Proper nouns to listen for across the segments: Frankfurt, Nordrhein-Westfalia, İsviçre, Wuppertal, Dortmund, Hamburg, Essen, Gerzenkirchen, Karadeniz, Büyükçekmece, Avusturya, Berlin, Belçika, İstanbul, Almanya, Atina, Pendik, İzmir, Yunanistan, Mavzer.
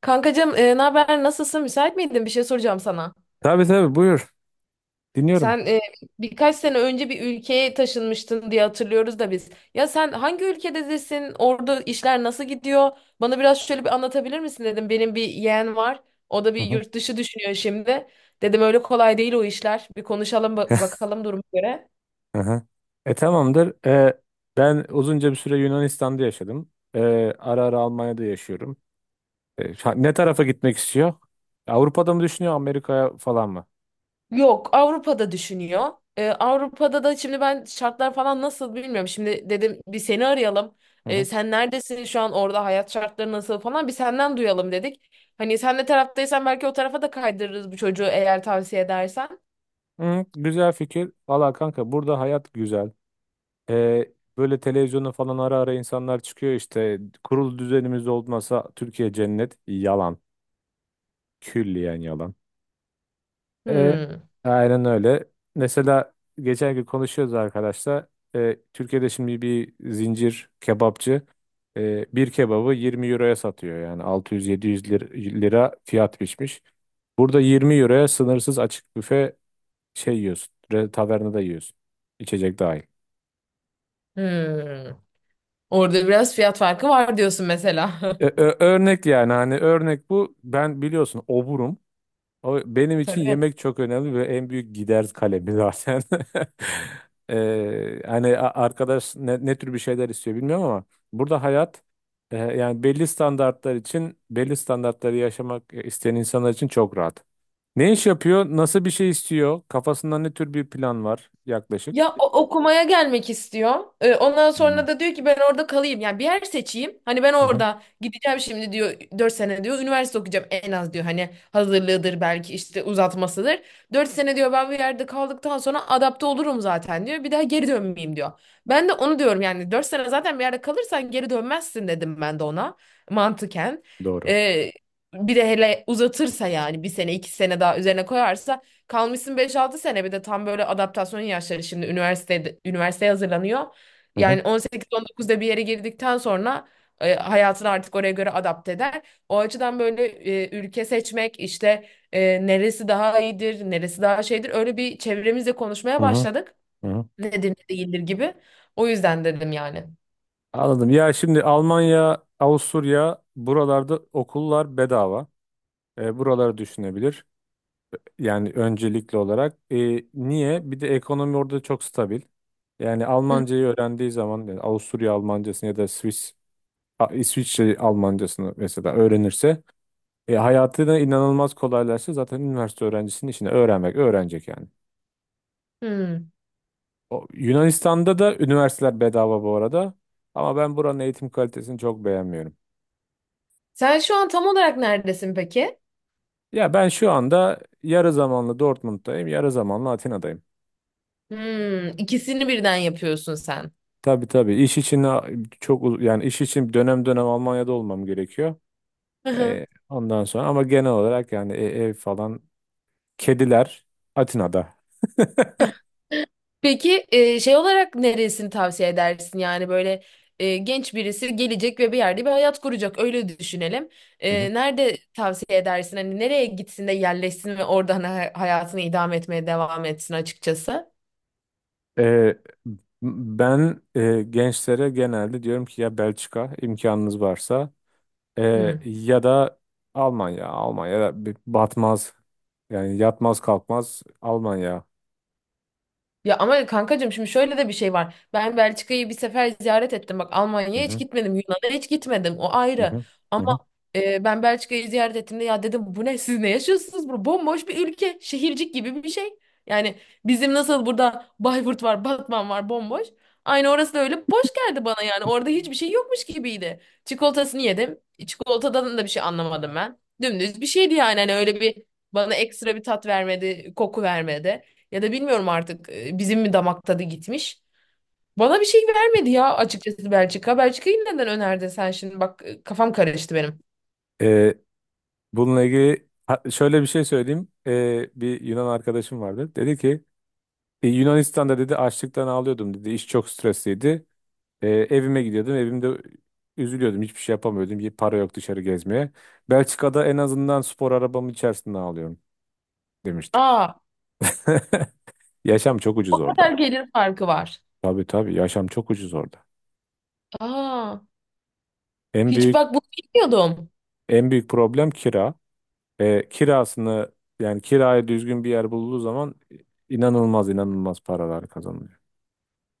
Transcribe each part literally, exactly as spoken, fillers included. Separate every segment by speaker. Speaker 1: Kankacığım, e, ne haber? Nasılsın? Müsait miydin? Bir şey soracağım sana.
Speaker 2: Tabii tabii buyur.
Speaker 1: Sen
Speaker 2: Dinliyorum.
Speaker 1: e, birkaç sene önce bir ülkeye taşınmıştın diye hatırlıyoruz da biz. Ya sen hangi ülkedesin? Orada işler nasıl gidiyor? Bana biraz şöyle bir anlatabilir misin dedim. Benim bir yeğen var. O da
Speaker 2: Hı
Speaker 1: bir
Speaker 2: hı.
Speaker 1: yurt dışı düşünüyor şimdi. Dedim öyle kolay değil o işler. Bir konuşalım ba- bakalım duruma göre.
Speaker 2: Hı hı. E tamamdır. E, ben uzunca bir süre Yunanistan'da yaşadım. E, ara ara Almanya'da yaşıyorum. E, ha- ne tarafa gitmek istiyor? Avrupa'da mı düşünüyor, Amerika'ya falan mı?
Speaker 1: Yok, Avrupa'da düşünüyor. Ee, Avrupa'da da şimdi ben şartlar falan nasıl bilmiyorum. Şimdi dedim bir seni arayalım.
Speaker 2: Hı
Speaker 1: Ee,
Speaker 2: hı.
Speaker 1: sen neredesin şu an, orada hayat şartları nasıl falan bir senden duyalım dedik. Hani sen de taraftaysan belki o tarafa da kaydırırız bu çocuğu eğer tavsiye edersen.
Speaker 2: Hı, güzel fikir. Valla kanka burada hayat güzel. E, Böyle televizyona falan ara ara insanlar çıkıyor işte. Kurul düzenimiz olmasa Türkiye cennet. Yalan. Külliyen yalan. E,
Speaker 1: Hmm.
Speaker 2: aynen öyle. Mesela geçen gün konuşuyoruz arkadaşlar. E, Türkiye'de şimdi bir zincir kebapçı e, bir kebabı yirmi euroya satıyor. Yani altı yüz yedi yüz lir- lira fiyat biçmiş. Burada yirmi euroya sınırsız açık büfe şey yiyorsun. re- Tavernada yiyorsun. İçecek dahil.
Speaker 1: Hmm. Orada biraz fiyat farkı var diyorsun mesela.
Speaker 2: E, ö- örnek yani hani örnek bu. Ben biliyorsun oburum. O benim için
Speaker 1: Tabii.
Speaker 2: yemek çok önemli ve en büyük gider kalemi zaten. Ee, hani a- arkadaş ne, ne tür bir şeyler istiyor bilmiyorum ama burada hayat e, yani belli standartlar için belli standartları yaşamak e, isteyen insanlar için çok rahat. Ne iş yapıyor? Nasıl bir şey istiyor? Kafasında ne tür bir plan var yaklaşık?
Speaker 1: Ya o- okumaya gelmek istiyor. Ee, ondan
Speaker 2: Hmm.
Speaker 1: sonra da diyor ki ben orada kalayım. Yani bir yer seçeyim. Hani ben
Speaker 2: Hı hı.
Speaker 1: orada gideceğim şimdi diyor. Dört sene diyor. Üniversite okuyacağım en az diyor. Hani hazırlığıdır belki işte uzatmasıdır. Dört sene diyor, ben bir yerde kaldıktan sonra adapte olurum zaten diyor. Bir daha geri dönmeyeyim diyor. Ben de onu diyorum yani, dört sene zaten bir yerde kalırsan geri dönmezsin dedim ben de ona, mantıken.
Speaker 2: Doğru.
Speaker 1: Ee, bir de hele uzatırsa, yani bir sene iki sene daha üzerine koyarsa kalmışsın beş altı sene, bir de tam böyle adaptasyon yaşları, şimdi üniversitede üniversiteye hazırlanıyor.
Speaker 2: Hı hı.
Speaker 1: Yani on sekiz on dokuzda bir yere girdikten sonra e, hayatını artık oraya göre adapte eder. O açıdan böyle e, ülke seçmek, işte e, neresi daha iyidir, neresi daha şeydir, öyle bir çevremizle konuşmaya
Speaker 2: Hı hı.
Speaker 1: başladık.
Speaker 2: Hı hı.
Speaker 1: Nedir ne değildir gibi. O yüzden dedim yani.
Speaker 2: Anladım. Ya şimdi Almanya, Avusturya buralarda okullar bedava. E, buraları düşünebilir. Yani öncelikli olarak. E, niye? Bir de ekonomi orada çok stabil. Yani
Speaker 1: Hı.
Speaker 2: Almancayı öğrendiği zaman yani Avusturya Almancasını ya da Swiss, A- İsviçre Almancasını mesela öğrenirse e, hayatını inanılmaz kolaylaştı. Zaten üniversite öğrencisinin işini öğrenmek öğrenecek yani.
Speaker 1: Hmm.
Speaker 2: O, Yunanistan'da da üniversiteler bedava bu arada. Ama ben buranın eğitim kalitesini çok beğenmiyorum.
Speaker 1: Sen şu an tam olarak neredesin peki?
Speaker 2: Ya ben şu anda yarı zamanlı Dortmund'dayım, yarı zamanlı Atina'dayım.
Speaker 1: Hmm, ikisini birden yapıyorsun sen.
Speaker 2: Tabii tabii. İş için a- çok uz- yani iş için dönem dönem Almanya'da olmam gerekiyor. Ee, ondan sonra ama genel olarak yani e- ev falan kediler Atina'da.
Speaker 1: Peki e, şey olarak neresini tavsiye edersin? Yani böyle e, genç birisi gelecek ve bir yerde bir hayat kuracak. Öyle düşünelim. E,
Speaker 2: Hı hı.
Speaker 1: nerede tavsiye edersin? Hani nereye gitsin de yerleşsin ve oradan hayatını idame etmeye devam etsin açıkçası?
Speaker 2: Ee, Ben e, gençlere genelde diyorum ki ya Belçika imkanınız varsa e,
Speaker 1: Hmm.
Speaker 2: ya da Almanya. Almanya bir batmaz yani yatmaz kalkmaz Almanya.
Speaker 1: Ya ama kankacığım, şimdi şöyle de bir şey var. Ben Belçika'yı bir sefer ziyaret ettim. Bak,
Speaker 2: Hı
Speaker 1: Almanya'ya hiç
Speaker 2: hı,
Speaker 1: gitmedim. Yunan'a hiç gitmedim. O
Speaker 2: hı
Speaker 1: ayrı.
Speaker 2: hı,
Speaker 1: Ama
Speaker 2: hı
Speaker 1: e, ben Belçika'yı ziyaret ettiğimde ya dedim, bu ne, siz ne yaşıyorsunuz? Bu bomboş bir ülke. Şehircik gibi bir şey. Yani bizim nasıl burada Bayburt var, Batman var, bomboş. Aynı orası da öyle boş geldi bana yani. Orada hiçbir şey yokmuş gibiydi. Çikolatasını yedim. Çikolatadan da bir şey anlamadım ben. Dümdüz bir şeydi yani. Hani öyle bir, bana ekstra bir tat vermedi, koku vermedi. Ya da bilmiyorum artık, e, bizim mi damak tadı gitmiş. Bana bir şey vermedi ya açıkçası Belçika. Belçika'yı neden önerdin sen şimdi? Bak, e, kafam karıştı benim.
Speaker 2: hı. Bununla ilgili ha- şöyle bir şey söyleyeyim. Ee, bir Yunan arkadaşım vardı. Dedi ki "E, Yunanistan'da dedi açlıktan ağlıyordum dedi. İş çok stresliydi. Ee, evime gidiyordum. Evimde üzülüyordum. Hiçbir şey yapamıyordum. Y- Para yok dışarı gezmeye. Belçika'da en azından spor arabamın içerisinde ağlıyorum demişti.
Speaker 1: Aa,
Speaker 2: Yaşam çok ucuz
Speaker 1: o kadar
Speaker 2: orada.
Speaker 1: gelir farkı var.
Speaker 2: Tabii tabii yaşam çok ucuz orada.
Speaker 1: Aa,
Speaker 2: En
Speaker 1: hiç
Speaker 2: büyük
Speaker 1: bak, bunu bilmiyordum.
Speaker 2: en büyük problem kira. Ee, kirasını yani kiraya düzgün bir yer bulduğu zaman e, inanılmaz inanılmaz paralar kazanılıyor.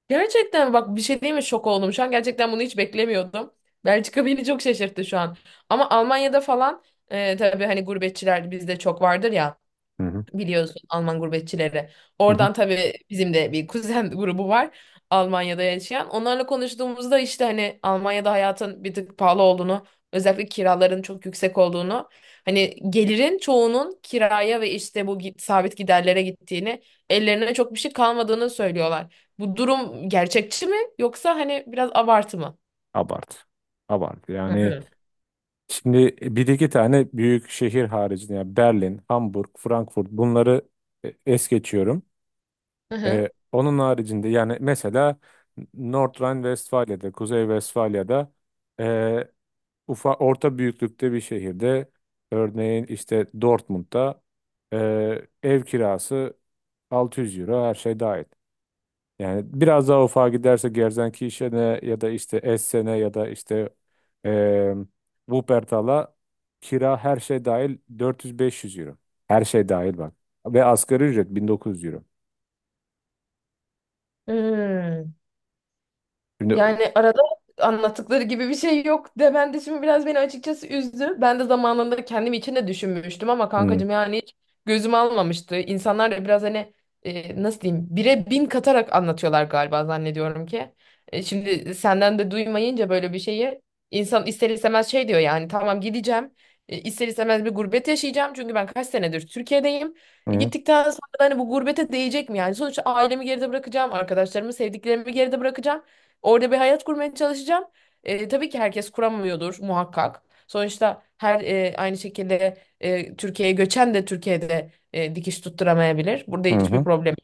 Speaker 1: Gerçekten bak, bir şey değil mi, şok oldum. Şu an gerçekten bunu hiç beklemiyordum. Belçika beni çok şaşırttı şu an. Ama Almanya'da falan e, tabii hani gurbetçiler bizde çok vardır ya,
Speaker 2: Hı,
Speaker 1: biliyorsun Alman gurbetçileri.
Speaker 2: hı hı.
Speaker 1: Oradan tabii bizim de bir kuzen grubu var Almanya'da yaşayan. Onlarla konuştuğumuzda işte hani Almanya'da hayatın bir tık pahalı olduğunu, özellikle kiraların çok yüksek olduğunu, hani gelirin çoğunun kiraya ve işte bu gi- sabit giderlere gittiğini, ellerine çok bir şey kalmadığını söylüyorlar. Bu durum gerçekçi mi, yoksa hani biraz abartı mı?
Speaker 2: Abart. Abart.
Speaker 1: Hı
Speaker 2: Yani
Speaker 1: hı.
Speaker 2: şimdi e, bir iki tane büyük şehir haricinde yani Berlin, Hamburg, Frankfurt bunları e, es geçiyorum.
Speaker 1: Hı hı.
Speaker 2: E, onun haricinde yani mesela Nordrhein-Westfalia'da, Kuzey Vesfalya'da e, ufa, orta büyüklükte bir şehirde örneğin işte Dortmund'da e, ev kirası altı yüz euro her şey dahil. Yani biraz daha ufağa giderse Gerzenkirchen'e ya da işte Essen'e ya da işte eee Wuppertal'a kira her şey dahil dört yüz-beş yüz euro. Her şey dahil bak. Ve asgari ücret bin dokuz yüz euro.
Speaker 1: Hmm.
Speaker 2: Şimdi.
Speaker 1: Yani arada anlattıkları gibi bir şey yok demen de şimdi biraz beni açıkçası üzdü. Ben de zamanında kendim için de düşünmüştüm ama
Speaker 2: Hı,
Speaker 1: kankacığım, yani hiç gözüm almamıştı. İnsanlar da biraz hani, e, nasıl diyeyim, bire bin katarak anlatıyorlar galiba, zannediyorum ki. E, şimdi senden de duymayınca böyle bir şeyi, insan ister istemez şey diyor, yani tamam gideceğim. E, ister istemez bir gurbet yaşayacağım çünkü ben kaç senedir Türkiye'deyim. E,
Speaker 2: hı,
Speaker 1: gittikten sonra da hani bu gurbete değecek mi yani? Sonuçta ailemi geride bırakacağım, arkadaşlarımı, sevdiklerimi geride bırakacağım. Orada bir hayat kurmaya çalışacağım. E, tabii ki herkes kuramıyordur muhakkak. Sonuçta her e, aynı şekilde e, Türkiye'ye göçen de Türkiye'de e, dikiş tutturamayabilir. Burada
Speaker 2: hı,
Speaker 1: hiçbir
Speaker 2: hı.
Speaker 1: problem.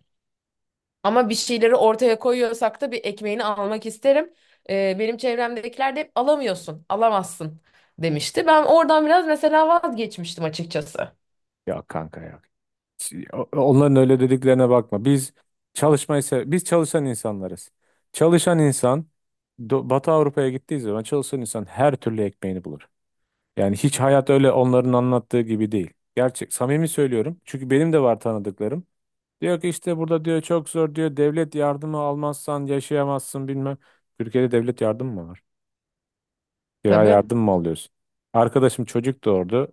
Speaker 1: Ama bir şeyleri ortaya koyuyorsak da bir ekmeğini almak isterim. E, benim çevremdekiler de hep alamıyorsun, alamazsın demişti. Ben oradan biraz mesela vazgeçmiştim açıkçası.
Speaker 2: Ya kanka ya. O- Onların öyle dediklerine bakma. Biz çalışmayı se- biz çalışan insanlarız. Çalışan insan Do- Batı Avrupa'ya gittiği zaman çalışan insan her türlü ekmeğini bulur. Yani hiç hayat öyle onların anlattığı gibi değil. Gerçek, samimi söylüyorum. Çünkü benim de var tanıdıklarım. Diyor ki işte burada diyor çok zor diyor. Devlet yardımı almazsan yaşayamazsın bilmem. Türkiye'de devlet yardımı mı var? Kira
Speaker 1: Tabii.
Speaker 2: yardım mı alıyorsun? Arkadaşım çocuk doğurdu.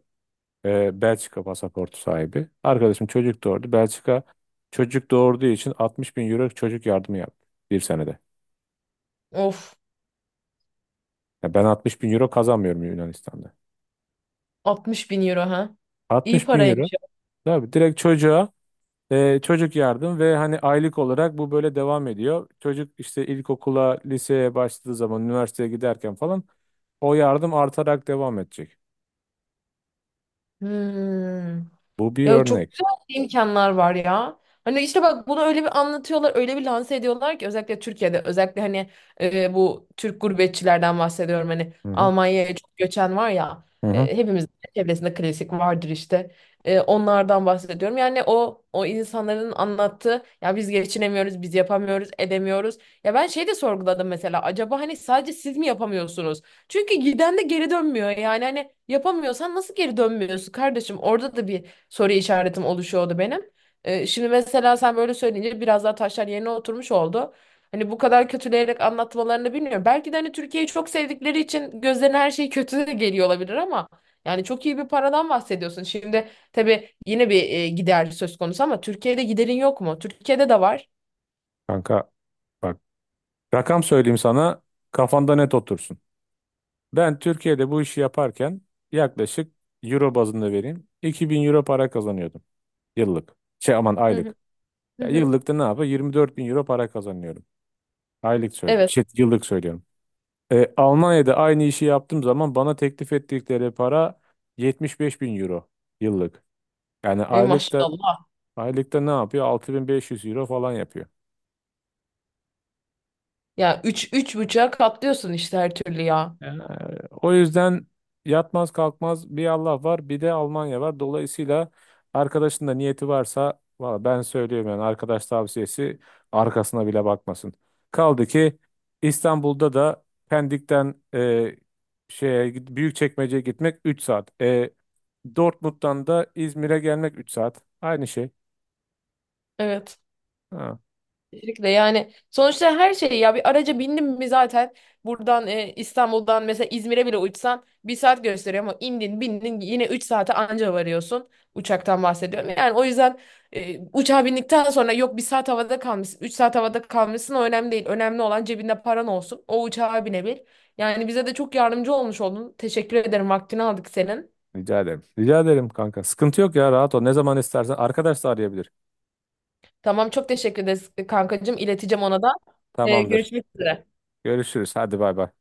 Speaker 2: e, Belçika pasaportu sahibi. Arkadaşım çocuk doğurdu. Belçika çocuk doğurduğu için altmış bin euro çocuk yardımı yaptı bir senede.
Speaker 1: Of,
Speaker 2: Ya ben altmış bin euro kazanmıyorum Yunanistan'da.
Speaker 1: altmış bin euro ha. İyi
Speaker 2: altmış bin
Speaker 1: paraymış
Speaker 2: euro.
Speaker 1: ya.
Speaker 2: Tabii direkt çocuğa. Ee, çocuk yardım ve hani aylık olarak bu böyle devam ediyor. Çocuk işte ilkokula, liseye başladığı zaman, üniversiteye giderken falan o yardım artarak devam edecek.
Speaker 1: Hmm.
Speaker 2: Bu bir
Speaker 1: Ya çok
Speaker 2: örnek.
Speaker 1: güzel imkanlar var ya. Hani işte bak, bunu öyle bir anlatıyorlar, öyle bir lanse ediyorlar ki, özellikle Türkiye'de, özellikle hani, e, bu Türk gurbetçilerden bahsediyorum. Hani
Speaker 2: Hı hı.
Speaker 1: Almanya'ya çok göçen var ya,
Speaker 2: Hı hı.
Speaker 1: e, hepimizin çevresinde klasik vardır işte. E, onlardan bahsediyorum. Yani o o insanların anlattığı, ya biz geçinemiyoruz, biz yapamıyoruz, edemiyoruz. Ya ben şey de sorguladım mesela, acaba hani sadece siz mi yapamıyorsunuz? Çünkü giden de geri dönmüyor. Yani hani yapamıyorsan nasıl geri dönmüyorsun kardeşim? Orada da bir soru işaretim oluşuyordu benim. Ee, şimdi mesela sen böyle söyleyince biraz daha taşlar yerine oturmuş oldu. Hani bu kadar kötüleyerek anlatmalarını bilmiyorum. Belki de hani Türkiye'yi çok sevdikleri için gözlerine her şey kötü de geliyor olabilir ama yani çok iyi bir paradan bahsediyorsun. Şimdi tabii yine bir e, gider söz konusu ama Türkiye'de giderin yok mu? Türkiye'de de var.
Speaker 2: Kanka bak rakam söyleyeyim sana kafanda net otursun. Ben Türkiye'de bu işi yaparken yaklaşık euro bazında vereyim iki bin euro para kazanıyordum yıllık. Şey aman
Speaker 1: Hı hı.
Speaker 2: aylık.
Speaker 1: Hı
Speaker 2: Ya
Speaker 1: hı.
Speaker 2: yıllıkta ne yapıyor? yirmi dört bin euro para kazanıyorum. Aylık söylüyorum.
Speaker 1: Evet.
Speaker 2: Şey, yıllık söylüyorum. E, Almanya'da aynı işi yaptığım zaman bana teklif ettikleri para yetmiş beş bin euro yıllık. Yani
Speaker 1: E,
Speaker 2: aylıkta
Speaker 1: maşallah.
Speaker 2: aylıkta ne yapıyor? altı bin beş yüz euro falan yapıyor.
Speaker 1: Ya üç, üç buçuğa katlıyorsun işte her türlü ya.
Speaker 2: Ee, O yüzden yatmaz kalkmaz bir Allah var bir de Almanya var. Dolayısıyla arkadaşın da niyeti varsa valla ben söylüyorum yani arkadaş tavsiyesi arkasına bile bakmasın. Kaldı ki İstanbul'da da Pendik'ten e, şeye git- Büyükçekmece'ye gitmek üç saat. E, Dortmund'dan da İzmir'e gelmek üç saat. Aynı şey.
Speaker 1: Evet.
Speaker 2: Ha,
Speaker 1: Kesinlikle, yani sonuçta her şey, ya bir araca bindim mi zaten buradan e, İstanbul'dan mesela İzmir'e bile uçsan bir saat gösteriyor ama indin bindin yine üç saate anca varıyorsun, uçaktan bahsediyorum. Yani o yüzden e, uçağa bindikten sonra yok, bir saat havada kalmışsın, üç saat havada kalmışsın o önemli değil, önemli olan cebinde paran olsun, o uçağa binebil. Yani bize de çok yardımcı olmuş oldun, teşekkür ederim, vaktini aldık senin.
Speaker 2: rica ederim. Rica ederim kanka. Sıkıntı yok ya rahat ol. Ne zaman istersen arkadaş da arayabilir.
Speaker 1: Tamam, çok teşekkür ederiz kankacığım, ileteceğim ona da. E,
Speaker 2: Tamamdır.
Speaker 1: görüşmek üzere.
Speaker 2: Görüşürüz. Hadi bay bay.